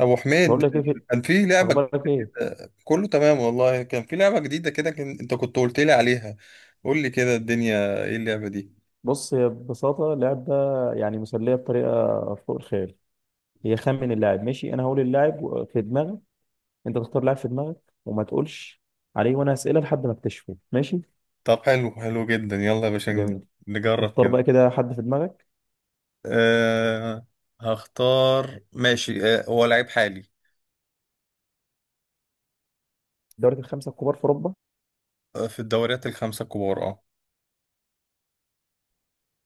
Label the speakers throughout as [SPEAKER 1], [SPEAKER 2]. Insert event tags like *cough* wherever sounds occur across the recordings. [SPEAKER 1] ابو حميد،
[SPEAKER 2] بقول لك ايه
[SPEAKER 1] كان في لعبه
[SPEAKER 2] اخبارك
[SPEAKER 1] جديده
[SPEAKER 2] ايه؟
[SPEAKER 1] كده، كله تمام والله، كان في لعبه جديده كده انت كنت قلت لي عليها. قول لي كده، الدنيا ايه اللعبه دي؟
[SPEAKER 2] بص، هي ببساطه اللعب ده يعني مسليه بطريقه فوق الخيال. هي خمن اللاعب. ماشي، انا هقول اللاعب في دماغك، انت تختار لاعب في دماغك وما تقولش عليه وانا اسئله لحد ما اكتشفه، ماشي؟
[SPEAKER 1] طب حلو حلو جدا، يلا يا باشا
[SPEAKER 2] جميل.
[SPEAKER 1] نجرب
[SPEAKER 2] اختار
[SPEAKER 1] كده.
[SPEAKER 2] بقى كده حد في دماغك.
[SPEAKER 1] أه، هختار، ماشي. هو لعيب حالي.
[SPEAKER 2] الدوري الخمسه الكبار في اوروبا.
[SPEAKER 1] أه، في الدوريات الخمسه الكبار. اه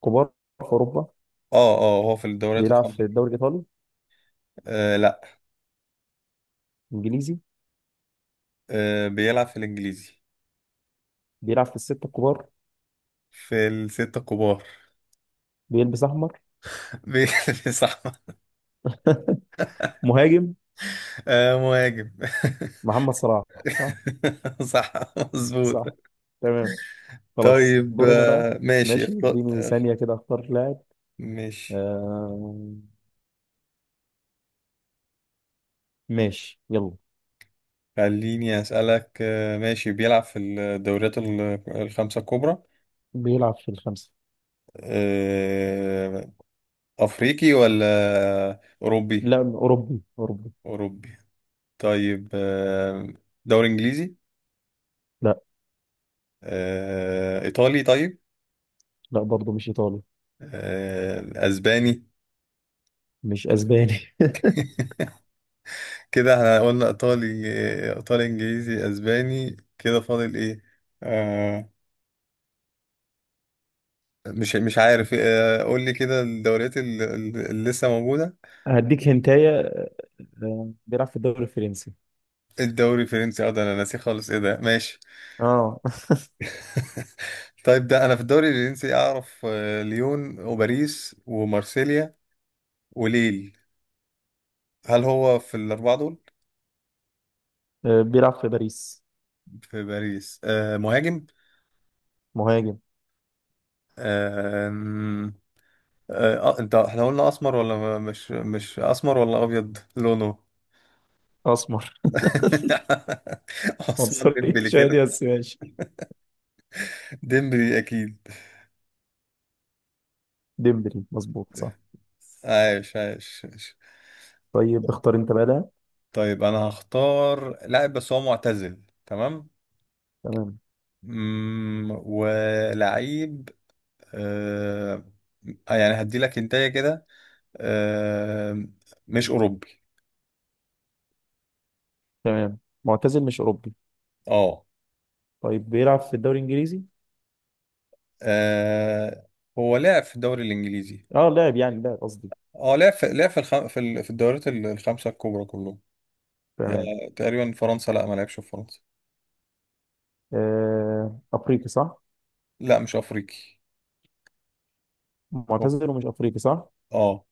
[SPEAKER 2] كبار في اوروبا.
[SPEAKER 1] اه هو في الدوريات
[SPEAKER 2] بيلعب
[SPEAKER 1] الخمسه
[SPEAKER 2] في
[SPEAKER 1] الكبار.
[SPEAKER 2] الدوري الايطالي؟
[SPEAKER 1] أه، لا.
[SPEAKER 2] انجليزي؟
[SPEAKER 1] أه، بيلعب في الانجليزي.
[SPEAKER 2] بيلعب في السته الكبار؟
[SPEAKER 1] في الستة الكبار.
[SPEAKER 2] بيلبس احمر؟
[SPEAKER 1] *laughs* بي- صح.
[SPEAKER 2] *laughs* مهاجم؟
[SPEAKER 1] أه، مهاجم.
[SPEAKER 2] محمد صلاح؟ صح.
[SPEAKER 1] *laughs* صح، مظبوط.
[SPEAKER 2] صح. تمام. خلاص
[SPEAKER 1] طيب،
[SPEAKER 2] دورنا بقى.
[SPEAKER 1] ماشي
[SPEAKER 2] ماشي،
[SPEAKER 1] اختار.
[SPEAKER 2] اديني ثانيه كده اختار لاعب.
[SPEAKER 1] ماشي
[SPEAKER 2] آه. ماشي، يلا.
[SPEAKER 1] خليني أسألك، ماشي بيلعب في الدوريات الخمسة الكبرى.
[SPEAKER 2] بيلعب في الخمسة.
[SPEAKER 1] آه، أفريقي ولا أوروبي؟
[SPEAKER 2] لا، أوروبي أوروبي.
[SPEAKER 1] أوروبي. طيب، دوري إنجليزي؟
[SPEAKER 2] لا.
[SPEAKER 1] إيطالي؟ طيب.
[SPEAKER 2] لا برضه، مش إيطالي.
[SPEAKER 1] أسباني؟
[SPEAKER 2] مش أسباني. *laughs*
[SPEAKER 1] كده احنا قلنا إيطالي. إيطالي إنجليزي أسباني، كده فاضل إيه؟ آه، مش عارف. قول لي كده الدوريات اللي لسه موجودة.
[SPEAKER 2] هديك هنتاية. آه، بيلعب في الدوري الفرنسي.
[SPEAKER 1] الدوري الفرنسي. اه ده انا ناسي خالص، ايه ده، ماشي.
[SPEAKER 2] اه.
[SPEAKER 1] *laughs* طيب ده انا في الدوري الفرنسي اعرف ليون وباريس ومارسيليا وليل. هل هو في الاربعه دول؟
[SPEAKER 2] آه، بيلعب في باريس.
[SPEAKER 1] في باريس. مهاجم.
[SPEAKER 2] مهاجم.
[SPEAKER 1] آه آم، انت احنا قلنا اسمر ولا مش اسمر ولا ابيض لونه؟
[SPEAKER 2] أسمر.
[SPEAKER 1] *laughs*
[SPEAKER 2] *laughs*
[SPEAKER 1] عثمان
[SPEAKER 2] عنصري
[SPEAKER 1] ديمبلي
[SPEAKER 2] شادي
[SPEAKER 1] كده.
[SPEAKER 2] بس، ماشي.
[SPEAKER 1] ديمبلي اكيد.
[SPEAKER 2] ديمبلي مظبوط، صح.
[SPEAKER 1] عايش عايش عايش.
[SPEAKER 2] طيب اختار أنت بقى ده.
[SPEAKER 1] طيب. انا هختار لاعب بس هو معتزل، تمام؟
[SPEAKER 2] تمام.
[SPEAKER 1] ولعيب. آه. يعني هدي لك انتايه كده. آه مش اوروبي.
[SPEAKER 2] تمام، معتزل، مش أوروبي.
[SPEAKER 1] اه.
[SPEAKER 2] طيب بيلعب في الدوري الإنجليزي.
[SPEAKER 1] آه، هو لعب في الدوري الانجليزي.
[SPEAKER 2] اه لاعب، يعني لاعب قصدي.
[SPEAKER 1] اه، لعب في في الدوريات الخمسه الكبرى كلهم.
[SPEAKER 2] تمام.
[SPEAKER 1] تقريبا، فرنسا؟ لا، ما لعبش في فرنسا.
[SPEAKER 2] آه أفريقي، صح؟
[SPEAKER 1] لا، مش افريقي. هو-
[SPEAKER 2] معتزل ومش أفريقي، صح؟
[SPEAKER 1] اه.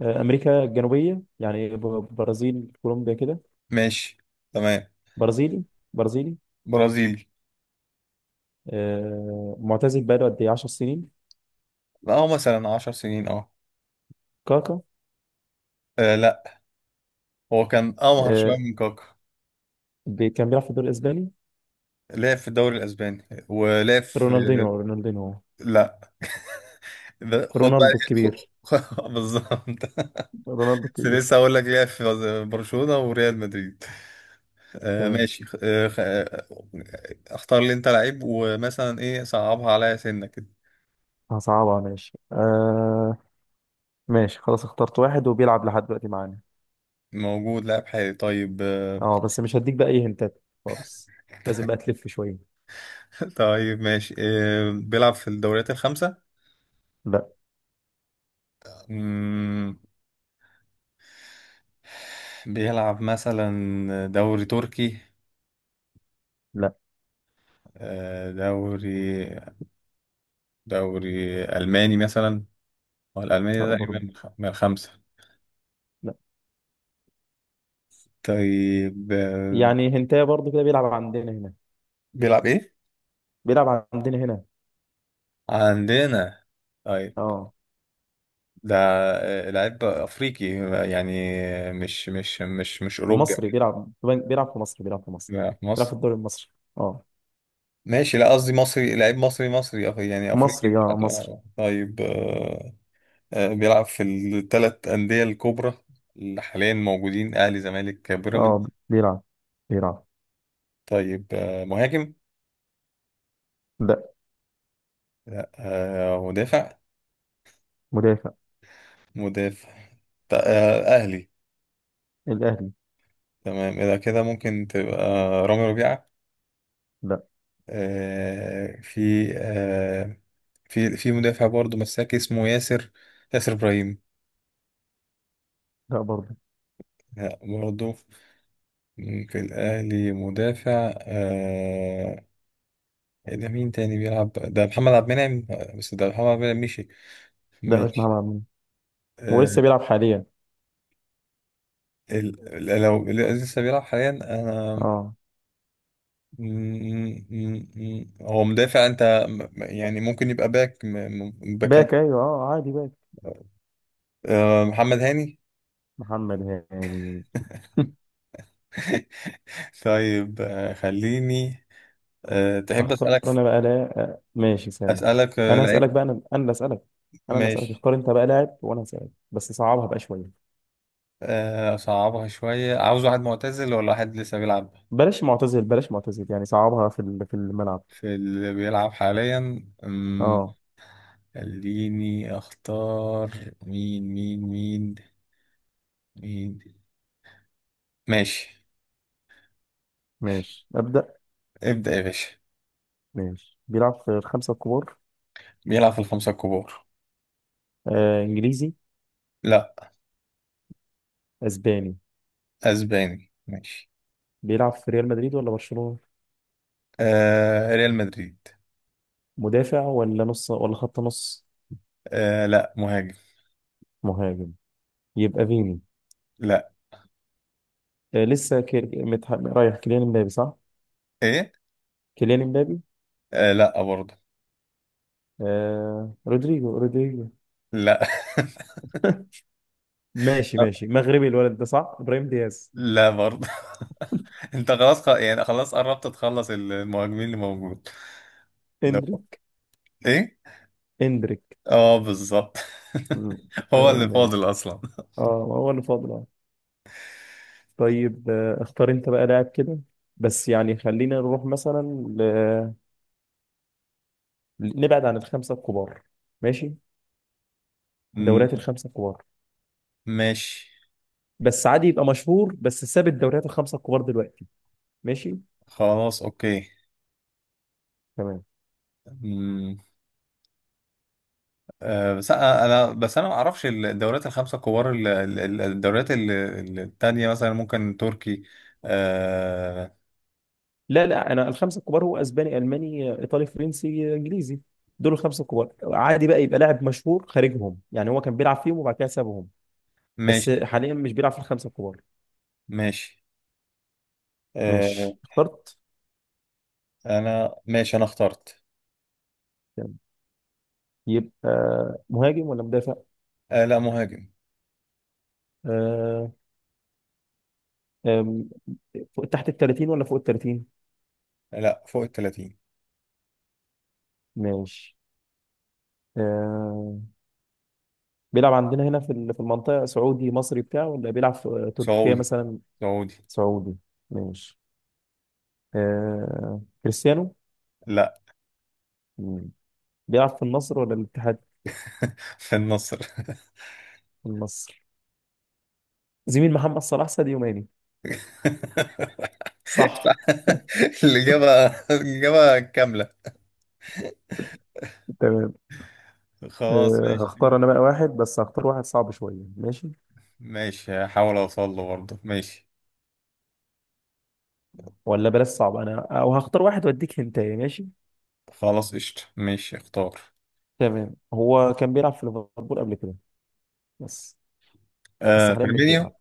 [SPEAKER 2] آه، امريكا الجنوبيه يعني برازيل كولومبيا كده.
[SPEAKER 1] ماشي، تمام.
[SPEAKER 2] برازيلي. برازيلي.
[SPEAKER 1] برازيلي.
[SPEAKER 2] آه، معتزل بقاله قد ايه، 10 سنين؟
[SPEAKER 1] اه، مثلا 10 سنين.
[SPEAKER 2] كاكا؟
[SPEAKER 1] لا، هو كان امهر شويه
[SPEAKER 2] آه،
[SPEAKER 1] من كاكا.
[SPEAKER 2] كان بيلعب في الدوري الاسباني.
[SPEAKER 1] لعب في الدوري الاسباني ولعب في...
[SPEAKER 2] رونالدينو؟ رونالدينو؟
[SPEAKER 1] لا، ده خد بقى.
[SPEAKER 2] رونالدو الكبير.
[SPEAKER 1] *laughs* بالظبط.
[SPEAKER 2] رونالدو
[SPEAKER 1] بس
[SPEAKER 2] الكبير.
[SPEAKER 1] لسه هقول لك ليه، في برشلونة وريال مدريد.
[SPEAKER 2] تمام.
[SPEAKER 1] ماشي. اختار لي انت لعيب، ومثلا ايه، صعبها عليا سنة كده.
[SPEAKER 2] هصعبها ماشي، آه. ماشي، خلاص اخترت واحد وبيلعب لحد دلوقتي معانا.
[SPEAKER 1] موجود لاعب حالي؟ طيب.
[SPEAKER 2] اه بس مش هديك بقى اي هنتات خالص، لازم بقى تلف شويه.
[SPEAKER 1] *laughs* طيب، ماشي، بيلعب في الدوريات الخمسة؟
[SPEAKER 2] لا.
[SPEAKER 1] مم، بيلعب مثلا دوري تركي؟
[SPEAKER 2] لا.
[SPEAKER 1] آه دوري دوري ألماني مثلا؟ هو الألماني
[SPEAKER 2] لا
[SPEAKER 1] ده تقريبا
[SPEAKER 2] برضه.
[SPEAKER 1] من الخمسة؟
[SPEAKER 2] لا.
[SPEAKER 1] طيب،
[SPEAKER 2] يعني هنتايه برضه كده، بيلعب عندنا هنا.
[SPEAKER 1] بيلعب ايه؟
[SPEAKER 2] بيلعب عندنا هنا.
[SPEAKER 1] عندنا. طيب.
[SPEAKER 2] اه.
[SPEAKER 1] ده لعيب افريقي، يعني، مش اوروبي.
[SPEAKER 2] مصري، بيلعب في مصر، بيلعب في مصر.
[SPEAKER 1] يعني في
[SPEAKER 2] بيلعب
[SPEAKER 1] مصر.
[SPEAKER 2] في الدوري المصري. اه.
[SPEAKER 1] ماشي، لا قصدي مصري، لعيب مصري يعني افريقي،
[SPEAKER 2] مصري
[SPEAKER 1] مش
[SPEAKER 2] اه،
[SPEAKER 1] عارف.
[SPEAKER 2] مصري.
[SPEAKER 1] طيب. بيلعب في الثلاث انديه الكبرى اللي حاليا موجودين: اهلي، زمالك،
[SPEAKER 2] اه
[SPEAKER 1] بيراميدز؟
[SPEAKER 2] بيلعب. بيلعب
[SPEAKER 1] طيب. مهاجم؟
[SPEAKER 2] لا.
[SPEAKER 1] لا. مدافع؟
[SPEAKER 2] مدافع.
[SPEAKER 1] مدافع. اهلي؟
[SPEAKER 2] الاهلي.
[SPEAKER 1] تمام، اذا كده ممكن تبقى رامي ربيعه.
[SPEAKER 2] لا.
[SPEAKER 1] في مدافع برضه مساك اسمه ياسر، ياسر إبراهيم.
[SPEAKER 2] لا برضه.
[SPEAKER 1] لا برضه. في الأهلي مدافع. ده مين تاني بيلعب؟ ده محمد عبد المنعم، بس ده محمد عبد المنعم مشي.
[SPEAKER 2] لا مش محمد
[SPEAKER 1] ماشي.
[SPEAKER 2] عبد المنعم. هو
[SPEAKER 1] آه
[SPEAKER 2] لسه بيلعب حاليا.
[SPEAKER 1] لو اللي لسه بيلعب حاليا، أنا
[SPEAKER 2] اه.
[SPEAKER 1] م- م- هو مدافع، أنت يعني ممكن يبقى باك، باكات.
[SPEAKER 2] باك ايوه، اه عادي باك.
[SPEAKER 1] محمد هاني.
[SPEAKER 2] محمد هاني. *laughs*
[SPEAKER 1] *laughs* طيب. خليني تحب
[SPEAKER 2] اختار
[SPEAKER 1] أسألك؟
[SPEAKER 2] انا بقى، لا آه، ماشي سامي.
[SPEAKER 1] أسألك،
[SPEAKER 2] انا هسالك
[SPEAKER 1] لعيب.
[SPEAKER 2] بقى، انا اللي اسالك. انا اللي اسالك.
[SPEAKER 1] ماشي.
[SPEAKER 2] اختار انت بقى لاعب وانا هسالك، بس صعبها بقى شويه.
[SPEAKER 1] أصعبها شوية، عاوز واحد معتزل ولا واحد لسه بيلعب؟
[SPEAKER 2] بلاش معتزل، بلاش معتزل، يعني صعبها في في الملعب.
[SPEAKER 1] في اللي بيلعب حاليا. أمم،
[SPEAKER 2] اه.
[SPEAKER 1] خليني أختار. مين مين مين مين. ماشي.
[SPEAKER 2] ماشي ابدا.
[SPEAKER 1] ابدأ يا باشا.
[SPEAKER 2] ماشي، بيلعب في الخمسة الكبار.
[SPEAKER 1] بيلعب في الخمسة الكبار.
[SPEAKER 2] آه إنجليزي.
[SPEAKER 1] لا.
[SPEAKER 2] أسباني.
[SPEAKER 1] أسباني، ماشي.
[SPEAKER 2] بيلعب في ريال مدريد ولا برشلونة؟
[SPEAKER 1] ريال مدريد.
[SPEAKER 2] مدافع ولا نص ولا خط نص؟
[SPEAKER 1] لا، مهاجم.
[SPEAKER 2] مهاجم. يبقى فيني.
[SPEAKER 1] لا،
[SPEAKER 2] آه لسه رايح، كيليان امبابي صح؟
[SPEAKER 1] إيه،
[SPEAKER 2] كيليان امبابي.
[SPEAKER 1] لا برضه.
[SPEAKER 2] آه رودريجو؟ رودريجو؟
[SPEAKER 1] لا.
[SPEAKER 2] ماشي
[SPEAKER 1] *laughs*
[SPEAKER 2] ماشي، مغربي الولد ده، صح؟ إبراهيم دياز.
[SPEAKER 1] لا برضه. *laughs* انت خلاص، يعني خلاص قربت تخلص المهاجمين اللي موجود.
[SPEAKER 2] اندريك.
[SPEAKER 1] ايه.
[SPEAKER 2] اندريك.
[SPEAKER 1] اه، بالظبط. *laughs*
[SPEAKER 2] مم. آه
[SPEAKER 1] هو اللي
[SPEAKER 2] ماشي.
[SPEAKER 1] فاضل اصلا.
[SPEAKER 2] اه هو اللي فاضل، آه. طيب آه اختار انت بقى لاعب كده، بس يعني خلينا نروح مثلا نبعد عن الخمسه الكبار، ماشي؟
[SPEAKER 1] مم،
[SPEAKER 2] الدوريات الخمسه الكبار.
[SPEAKER 1] ماشي.
[SPEAKER 2] بس عادي يبقى مشهور، بس ساب الدوريات الخمسه الكبار دلوقتي. ماشي.
[SPEAKER 1] خلاص اوكي.
[SPEAKER 2] تمام.
[SPEAKER 1] مم، بس انا بس انا ما اعرفش الدوريات الخمسه الكبار، الدوريات التانية مثلا ممكن تركي. آه،
[SPEAKER 2] لا لا، انا الخمسه الكبار هو اسباني الماني ايطالي فرنسي انجليزي، دول الخمسه الكبار، عادي بقى يبقى لاعب مشهور خارجهم، يعني هو كان بيلعب فيهم وبعد كده سابهم، بس
[SPEAKER 1] ماشي
[SPEAKER 2] حاليا مش بيلعب في الخمسه الكبار.
[SPEAKER 1] ماشي. آه،
[SPEAKER 2] ماشي اخترت.
[SPEAKER 1] انا اخترت.
[SPEAKER 2] تمام. يبقى مهاجم ولا مدافع؟
[SPEAKER 1] لا، مهاجم.
[SPEAKER 2] آه. آم، فوق تحت ال 30 ولا فوق ال 30؟
[SPEAKER 1] لا، فوق ال 30.
[SPEAKER 2] ماشي. آه بيلعب عندنا هنا في في المنطقة، سعودي مصري بتاعه، ولا بيلعب في تركيا
[SPEAKER 1] سعودي،
[SPEAKER 2] مثلا؟
[SPEAKER 1] سعودي.
[SPEAKER 2] سعودي. ماشي. آه كريستيانو؟
[SPEAKER 1] لا.
[SPEAKER 2] مم. بيلعب في النصر ولا الاتحاد؟
[SPEAKER 1] *laughs* في النصر.
[SPEAKER 2] النصر. زميل محمد صلاح ساديو ماني؟
[SPEAKER 1] *laughs*
[SPEAKER 2] صح.
[SPEAKER 1] *laughs* الإجابة. الإجابة كاملة.
[SPEAKER 2] تمام.
[SPEAKER 1] خلاص
[SPEAKER 2] آه
[SPEAKER 1] ماشي.
[SPEAKER 2] هختار انا بقى واحد، بس هختار واحد صعب شوية، ماشي؟
[SPEAKER 1] ماشي، هحاول أوصل له برضه، ماشي.
[SPEAKER 2] ولا بلاش صعب، انا او هختار واحد واديك هنتايه، ماشي.
[SPEAKER 1] خلاص قشطة، ماشي اختار.
[SPEAKER 2] تمام. هو كان بيلعب في ليفربول قبل كده، بس. بس
[SPEAKER 1] آه،
[SPEAKER 2] حاليا مش
[SPEAKER 1] فيرمينيو.
[SPEAKER 2] بيلعب.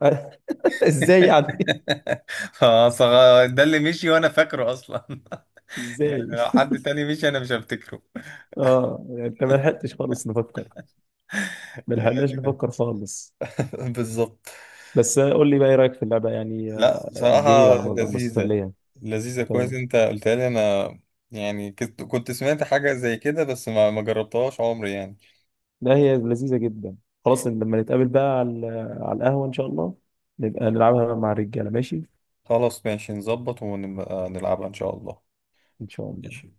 [SPEAKER 2] *laughs* ازاي يعني؟ *laughs*
[SPEAKER 1] *laughs* خلاص. ده اللي مشي وأنا فاكره أصلا. *laughs* يعني
[SPEAKER 2] ازاي؟
[SPEAKER 1] لو حد تاني مشي أنا مش هفتكره.
[SPEAKER 2] اه يعني انت ما لحقتش خالص نفكر. ما
[SPEAKER 1] *laughs* آه،
[SPEAKER 2] لحقناش نفكر خالص.
[SPEAKER 1] بالظبط.
[SPEAKER 2] بس قول لي بقى ايه رايك في اللعبه يعني،
[SPEAKER 1] لا،
[SPEAKER 2] آه. جميله،
[SPEAKER 1] بصراحة
[SPEAKER 2] على مصدر
[SPEAKER 1] لذيذة.
[SPEAKER 2] مسليه.
[SPEAKER 1] لذيذة، كويس
[SPEAKER 2] تمام.
[SPEAKER 1] انت قلتها لي انا. يعني كنت سمعت حاجة زي كده، بس ما جربتهاش عمري يعني.
[SPEAKER 2] لا هي لذيذه جدا. خلاص لما نتقابل بقى على على القهوه ان شاء الله، نبقى نلعبها مع الرجاله، ماشي.
[SPEAKER 1] خلاص ماشي، نظبط ونبقى نلعبها إن شاء الله.
[SPEAKER 2] ان شاء الله.
[SPEAKER 1] ماشي.